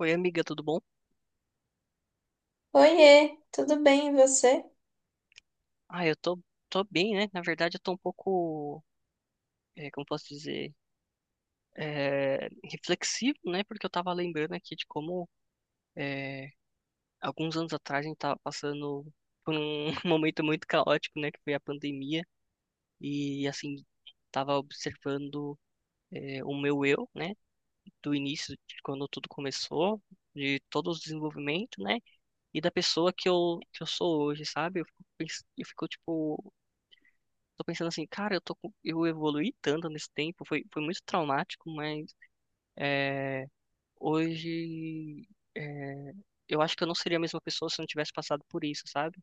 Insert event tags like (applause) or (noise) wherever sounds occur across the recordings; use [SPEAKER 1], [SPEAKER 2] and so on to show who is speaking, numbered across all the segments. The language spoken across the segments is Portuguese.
[SPEAKER 1] Oi, amiga, tudo bom?
[SPEAKER 2] Oiê, tudo bem e você?
[SPEAKER 1] Ah, eu tô bem, né? Na verdade, eu tô um pouco, como posso dizer, reflexivo, né? Porque eu tava lembrando aqui de como, eh, alguns anos atrás a gente tava passando por um (laughs) momento muito caótico, né? Que foi a pandemia. E, assim, tava observando, o meu eu, né? Do início, de quando tudo começou, de todo o desenvolvimento, né? E da pessoa que eu sou hoje, sabe? Eu fico tipo. Tô pensando assim, cara, eu evoluí tanto nesse tempo, foi muito traumático, mas é, hoje é, eu acho que eu não seria a mesma pessoa se eu não tivesse passado por isso, sabe?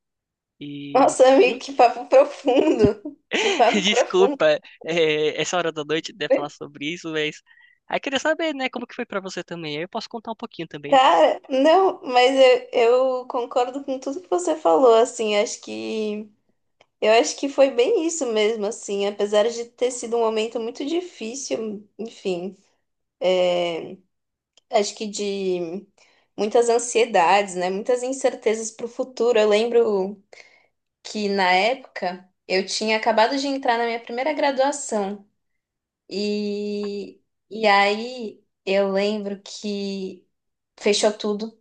[SPEAKER 1] E
[SPEAKER 2] Nossa, amigo, que papo profundo. (laughs) Que
[SPEAKER 1] (laughs)
[SPEAKER 2] papo profundo.
[SPEAKER 1] desculpa, essa hora da noite de falar sobre isso, mas aí queria saber, né, como que foi pra você também. Aí eu posso contar um pouquinho também.
[SPEAKER 2] Cara, não, mas eu concordo com tudo que você falou, assim, acho que foi bem isso mesmo, assim, apesar de ter sido um momento muito difícil, enfim, é, acho que de muitas ansiedades, né? Muitas incertezas para o futuro. Eu lembro que na época eu tinha acabado de entrar na minha primeira graduação. E, e aí eu lembro que fechou tudo.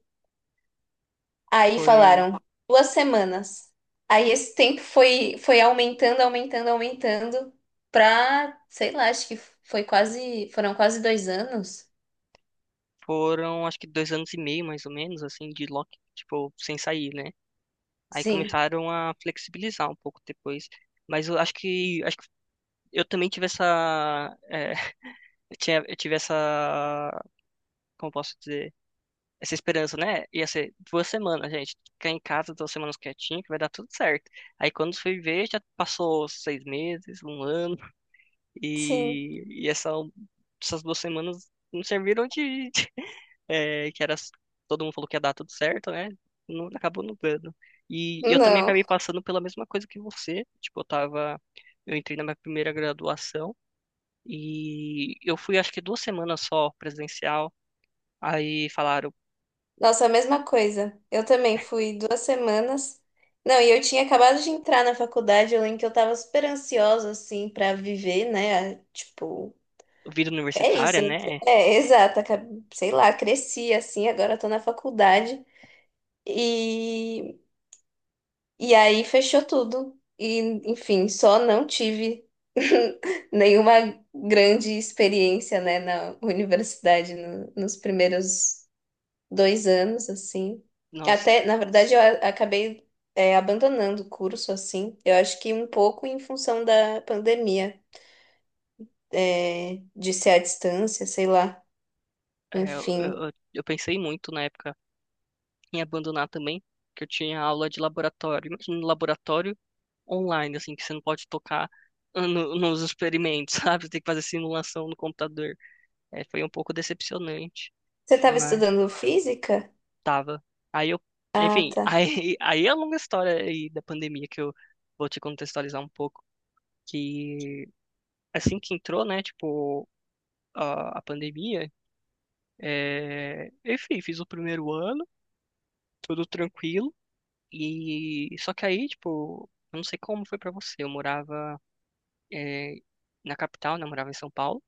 [SPEAKER 2] Aí
[SPEAKER 1] Foi,
[SPEAKER 2] falaram duas semanas. Aí esse tempo foi, foi aumentando, aumentando, aumentando pra, sei lá, acho que foram quase dois anos.
[SPEAKER 1] foram acho que 2 anos e meio, mais ou menos, assim, de lock, tipo, sem sair, né? Aí
[SPEAKER 2] Sim,
[SPEAKER 1] começaram a flexibilizar um pouco depois. Mas eu acho que acho eu também tive essa, (laughs) eu tive essa, como posso dizer, essa esperança, né? Ia ser 2 semanas, gente, ficar em casa 2 semanas quietinho, que vai dar tudo certo. Aí quando fui ver, já passou 6 meses, um ano,
[SPEAKER 2] sim.
[SPEAKER 1] e essas 2 semanas não serviram (laughs) é, que era, todo mundo falou que ia dar tudo certo, né? Não, acabou não dando. E, eu também
[SPEAKER 2] Não.
[SPEAKER 1] acabei passando pela mesma coisa que você, tipo, eu entrei na minha primeira graduação, e eu fui, acho que 2 semanas só presencial. Aí falaram,
[SPEAKER 2] Nossa, a mesma coisa. Eu também fui duas semanas. Não, e eu tinha acabado de entrar na faculdade, eu lembro que eu tava super ansiosa, assim, pra viver, né? Tipo,
[SPEAKER 1] vida
[SPEAKER 2] é
[SPEAKER 1] universitária,
[SPEAKER 2] isso,
[SPEAKER 1] né?
[SPEAKER 2] é exato. Sei lá, cresci assim, agora tô na faculdade e, e aí fechou tudo. E, enfim, só não tive (laughs) nenhuma grande experiência, né, na universidade nos primeiros dois anos, assim.
[SPEAKER 1] Nossa,
[SPEAKER 2] Até, na verdade, acabei, é, abandonando o curso, assim. Eu acho que um pouco em função da pandemia, é, de ser à distância, sei lá.
[SPEAKER 1] eu,
[SPEAKER 2] Enfim.
[SPEAKER 1] eu, eu pensei muito na época em abandonar também, que eu tinha aula de laboratório. Imagina um laboratório online, assim, que você não pode tocar nos experimentos, (laughs) sabe? Você tem que fazer simulação no computador. Foi um pouco decepcionante,
[SPEAKER 2] Você estava
[SPEAKER 1] mas
[SPEAKER 2] estudando física?
[SPEAKER 1] tava. Aí eu,
[SPEAKER 2] Ah,
[SPEAKER 1] enfim,
[SPEAKER 2] tá.
[SPEAKER 1] (laughs) aí é a longa história aí da pandemia que eu vou te contextualizar um pouco. Que assim que entrou, né, tipo, a pandemia, eu fiz o primeiro ano, tudo tranquilo, e só que aí, tipo, eu não sei como foi pra você, eu morava é, na capital, né, eu morava em São Paulo,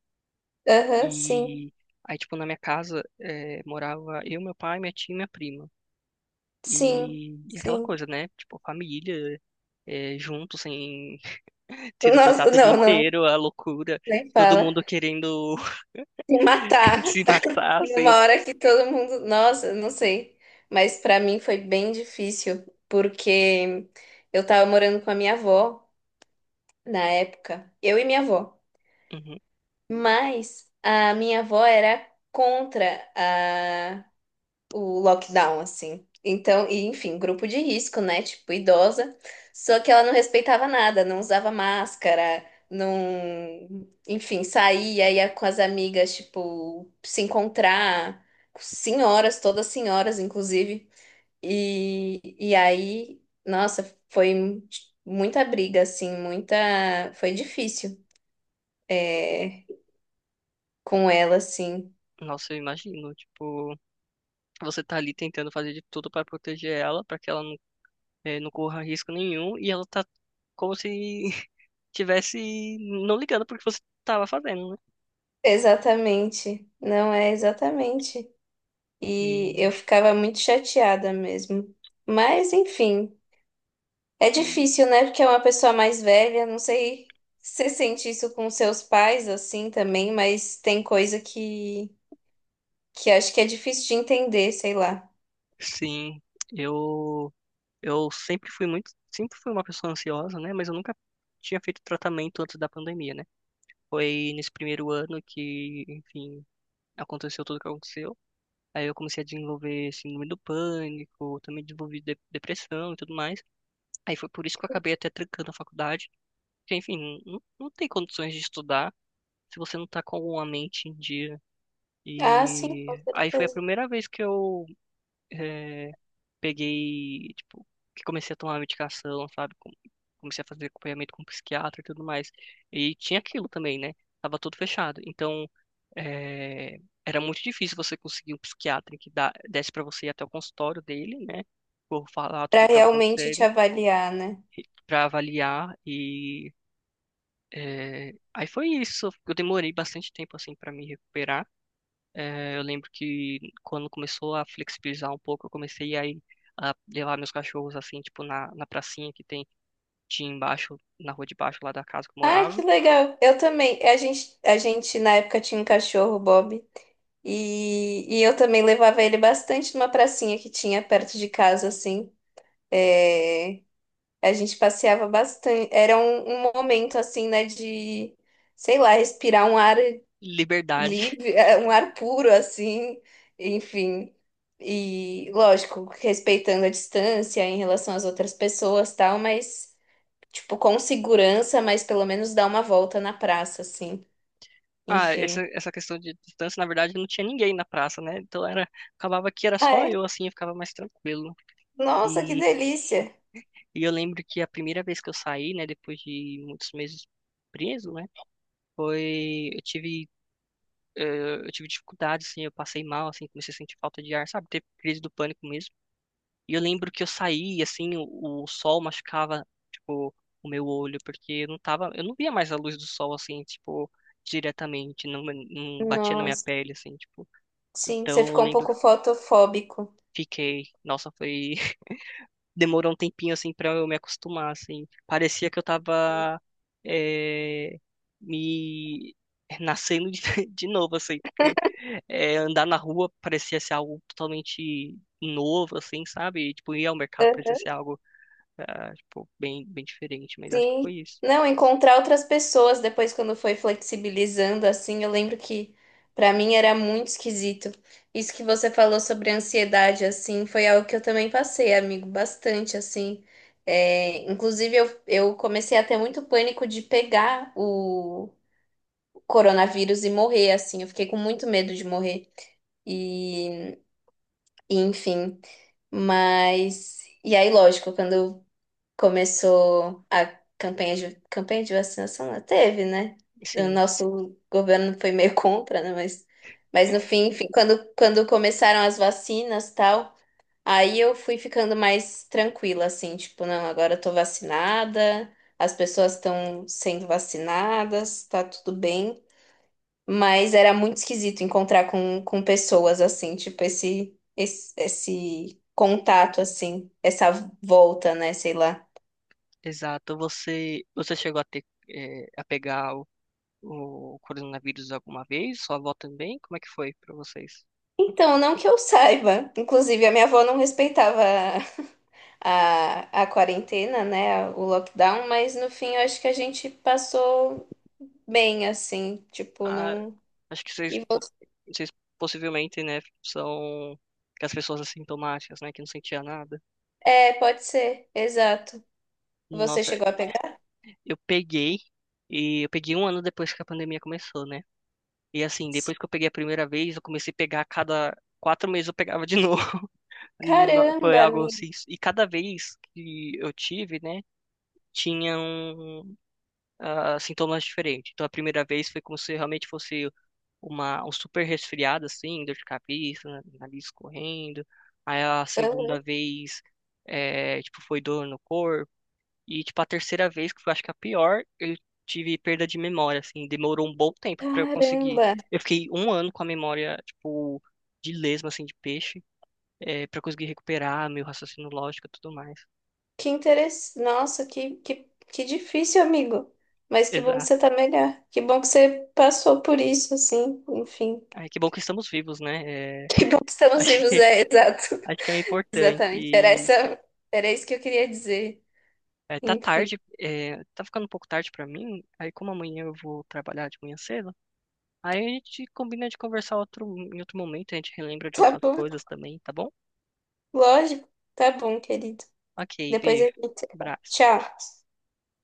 [SPEAKER 2] Aham, sim,
[SPEAKER 1] e aí, tipo, na minha casa morava eu, meu pai, minha tia e minha prima.
[SPEAKER 2] sim,
[SPEAKER 1] E aquela
[SPEAKER 2] sim.
[SPEAKER 1] coisa, né? Tipo, família, junto, sem (laughs) tendo
[SPEAKER 2] Nossa,
[SPEAKER 1] contato o dia
[SPEAKER 2] não, não,
[SPEAKER 1] inteiro, a loucura,
[SPEAKER 2] nem
[SPEAKER 1] todo
[SPEAKER 2] fala.
[SPEAKER 1] mundo querendo
[SPEAKER 2] Se matar
[SPEAKER 1] (laughs) se matar, assim.
[SPEAKER 2] numa hora que todo mundo. Nossa, não sei. Mas para mim foi bem difícil, porque eu tava morando com a minha avó na época. Eu e minha avó.
[SPEAKER 1] Uhum.
[SPEAKER 2] Mas a minha avó era contra o lockdown, assim. Então, e enfim, grupo de risco, né? Tipo, idosa. Só que ela não respeitava nada, não usava máscara, não. Enfim, saía, ia com as amigas, tipo, se encontrar. Senhoras, todas senhoras, inclusive. E aí, nossa, foi muita briga, assim, muita. Foi difícil, é, com ela, assim.
[SPEAKER 1] Nossa, eu imagino, tipo, você tá ali tentando fazer de tudo pra proteger ela, pra que ela não corra risco nenhum, e ela tá como se (laughs) tivesse não ligando pro que você tava fazendo, né?
[SPEAKER 2] Exatamente. Não é exatamente. E
[SPEAKER 1] E,
[SPEAKER 2] eu ficava muito chateada mesmo. Mas, enfim, é
[SPEAKER 1] e
[SPEAKER 2] difícil, né? Porque é uma pessoa mais velha. Não sei se você sente isso com seus pais assim também, mas tem coisa que acho que é difícil de entender, sei lá.
[SPEAKER 1] sim, eu eu sempre fui uma pessoa ansiosa, né? Mas eu nunca tinha feito tratamento antes da pandemia, né? Foi nesse primeiro ano que, enfim, aconteceu tudo o que aconteceu. Aí eu comecei a desenvolver síndrome do pânico, também desenvolvi depressão e tudo mais. Aí foi por isso que eu acabei até trancando a faculdade. Porque, enfim, não tem condições de estudar se você não tá com a mente em dia.
[SPEAKER 2] Ah, sim, com
[SPEAKER 1] E aí foi a
[SPEAKER 2] certeza.
[SPEAKER 1] primeira vez que eu eh, peguei, tipo, que comecei a tomar medicação, sabe? Comecei a fazer acompanhamento com psiquiatra e tudo mais. E tinha aquilo também, né? Tava tudo fechado. Então, eh, era muito difícil você conseguir um psiquiatra que desse pra você ir até o consultório dele, né? Por falar tudo o
[SPEAKER 2] Pra
[SPEAKER 1] que estava
[SPEAKER 2] realmente te
[SPEAKER 1] acontecendo,
[SPEAKER 2] avaliar, né?
[SPEAKER 1] pra avaliar e aí foi isso. Eu demorei bastante tempo assim para me recuperar. Eu lembro que quando começou a flexibilizar um pouco, eu comecei aí a levar meus cachorros assim, tipo na pracinha que tem tinha embaixo, na rua de baixo lá da casa que eu
[SPEAKER 2] Ah, que
[SPEAKER 1] morava.
[SPEAKER 2] legal. Eu também. A gente na época tinha um cachorro, o Bob, e eu também levava ele bastante numa pracinha que tinha perto de casa, assim. É, a gente passeava bastante. Era um, um momento assim, né, de, sei lá, respirar um ar
[SPEAKER 1] Liberdade. (laughs)
[SPEAKER 2] livre, (laughs) eh, um ar puro assim, enfim. E lógico, respeitando a distância em relação às outras pessoas, tal, mas tipo com segurança, mas pelo menos dar uma volta na praça assim,
[SPEAKER 1] Ah, essa,
[SPEAKER 2] enfim.
[SPEAKER 1] essa questão de distância, na verdade, não tinha ninguém na praça, né? Então acabava que era
[SPEAKER 2] Ah,
[SPEAKER 1] só
[SPEAKER 2] é?
[SPEAKER 1] eu assim, eu ficava mais tranquilo.
[SPEAKER 2] Nossa, que
[SPEAKER 1] E,
[SPEAKER 2] delícia.
[SPEAKER 1] e eu lembro que a primeira vez que eu saí, né, depois de muitos meses preso, né? Foi, eu tive eh, eu tive dificuldade, assim, eu passei mal, assim, comecei a sentir falta de ar, sabe? Teve crise do pânico mesmo. E eu lembro que eu saí, assim, o sol machucava, tipo, o meu olho, porque eu não via mais a luz do sol, assim, tipo, diretamente, não batia na minha
[SPEAKER 2] Nossa.
[SPEAKER 1] pele, assim, tipo.
[SPEAKER 2] Sim, você
[SPEAKER 1] Então eu
[SPEAKER 2] ficou um
[SPEAKER 1] lembro,
[SPEAKER 2] pouco fotofóbico.
[SPEAKER 1] que fiquei, nossa, foi demorou um tempinho, assim, pra eu me acostumar, assim. Parecia que eu tava é, me nascendo (laughs) de novo, assim, porque andar na rua parecia ser algo totalmente novo, assim, sabe? E, tipo, ir ao mercado parecia ser algo, ah, tipo, bem, bem diferente, mas acho que
[SPEAKER 2] Sim.
[SPEAKER 1] foi isso.
[SPEAKER 2] Não, encontrar outras pessoas depois quando foi flexibilizando assim, eu lembro que pra mim era muito esquisito. Isso que você falou sobre ansiedade assim, foi algo que eu também passei, amigo, bastante assim. É, inclusive eu comecei a ter muito pânico de pegar o coronavírus e morrer assim. Eu fiquei com muito medo de morrer. E, e, enfim, mas e aí, lógico, quando eu começou a campanha de vacinação, não teve, né? O
[SPEAKER 1] Sim,
[SPEAKER 2] nosso governo foi meio (laughs) contra, né? Mas no
[SPEAKER 1] (laughs)
[SPEAKER 2] fim, enfim, quando começaram as vacinas e tal, aí eu fui ficando mais tranquila, assim, tipo, não, agora eu tô vacinada, as pessoas estão sendo vacinadas, tá tudo bem. Mas era muito esquisito encontrar com pessoas assim, tipo, esse contato, assim, essa volta, né? Sei lá.
[SPEAKER 1] exato. Você chegou a ter, a pegar o coronavírus alguma vez? Sua avó também? Como é que foi pra vocês?
[SPEAKER 2] Então, não que eu saiba. Inclusive, a minha avó não respeitava a quarentena, né? O lockdown, mas no fim eu acho que a gente passou bem, assim. Tipo,
[SPEAKER 1] Ah,
[SPEAKER 2] não.
[SPEAKER 1] acho que vocês,
[SPEAKER 2] E
[SPEAKER 1] po-
[SPEAKER 2] você...
[SPEAKER 1] vocês possivelmente, né, são as pessoas assintomáticas, né, que não sentia nada.
[SPEAKER 2] É, pode ser, exato. Você
[SPEAKER 1] Nossa,
[SPEAKER 2] chegou a pegar?
[SPEAKER 1] eu peguei e eu peguei um ano depois que a pandemia começou, né? E assim,
[SPEAKER 2] Sim.
[SPEAKER 1] depois que eu peguei a primeira vez, eu comecei a pegar a cada 4 meses eu pegava de novo. (laughs) Foi
[SPEAKER 2] Caramba,
[SPEAKER 1] algo
[SPEAKER 2] amigo.
[SPEAKER 1] assim. E cada vez que eu tive, né, tinham sintomas diferentes. Então, a primeira vez foi como se realmente fosse um super resfriado, assim, dor de cabeça, nariz correndo. Aí, a segunda vez, tipo, foi dor no corpo. E, tipo, a terceira vez, que foi, acho que a pior, eu tive perda de memória, assim. Demorou um bom tempo pra eu conseguir.
[SPEAKER 2] Caramba.
[SPEAKER 1] Eu fiquei um ano com a memória, tipo, de lesma, assim, de peixe, pra conseguir recuperar meu raciocínio lógico e tudo mais.
[SPEAKER 2] Que interessante. Nossa, que difícil, amigo. Mas que bom que
[SPEAKER 1] Exato.
[SPEAKER 2] você tá melhor. Que bom que você passou por isso, assim. Enfim.
[SPEAKER 1] Ai, que bom que estamos vivos, né?
[SPEAKER 2] Que
[SPEAKER 1] (laughs)
[SPEAKER 2] bom que estamos
[SPEAKER 1] Acho
[SPEAKER 2] vivos,
[SPEAKER 1] que
[SPEAKER 2] é, (laughs) exato.
[SPEAKER 1] Acho que é importante.
[SPEAKER 2] Exatamente.
[SPEAKER 1] E,
[SPEAKER 2] Era isso que eu queria dizer.
[SPEAKER 1] tá
[SPEAKER 2] Enfim,
[SPEAKER 1] tarde, tá ficando um pouco tarde pra mim. Aí, como amanhã eu vou trabalhar de manhã cedo, aí a gente combina de conversar em outro momento. A gente relembra de
[SPEAKER 2] tá
[SPEAKER 1] outras
[SPEAKER 2] bom.
[SPEAKER 1] coisas também, tá bom?
[SPEAKER 2] Lógico. Tá bom, querido.
[SPEAKER 1] Ok,
[SPEAKER 2] Depois a
[SPEAKER 1] beijo.
[SPEAKER 2] gente se fala.
[SPEAKER 1] Abraço.
[SPEAKER 2] Tchau.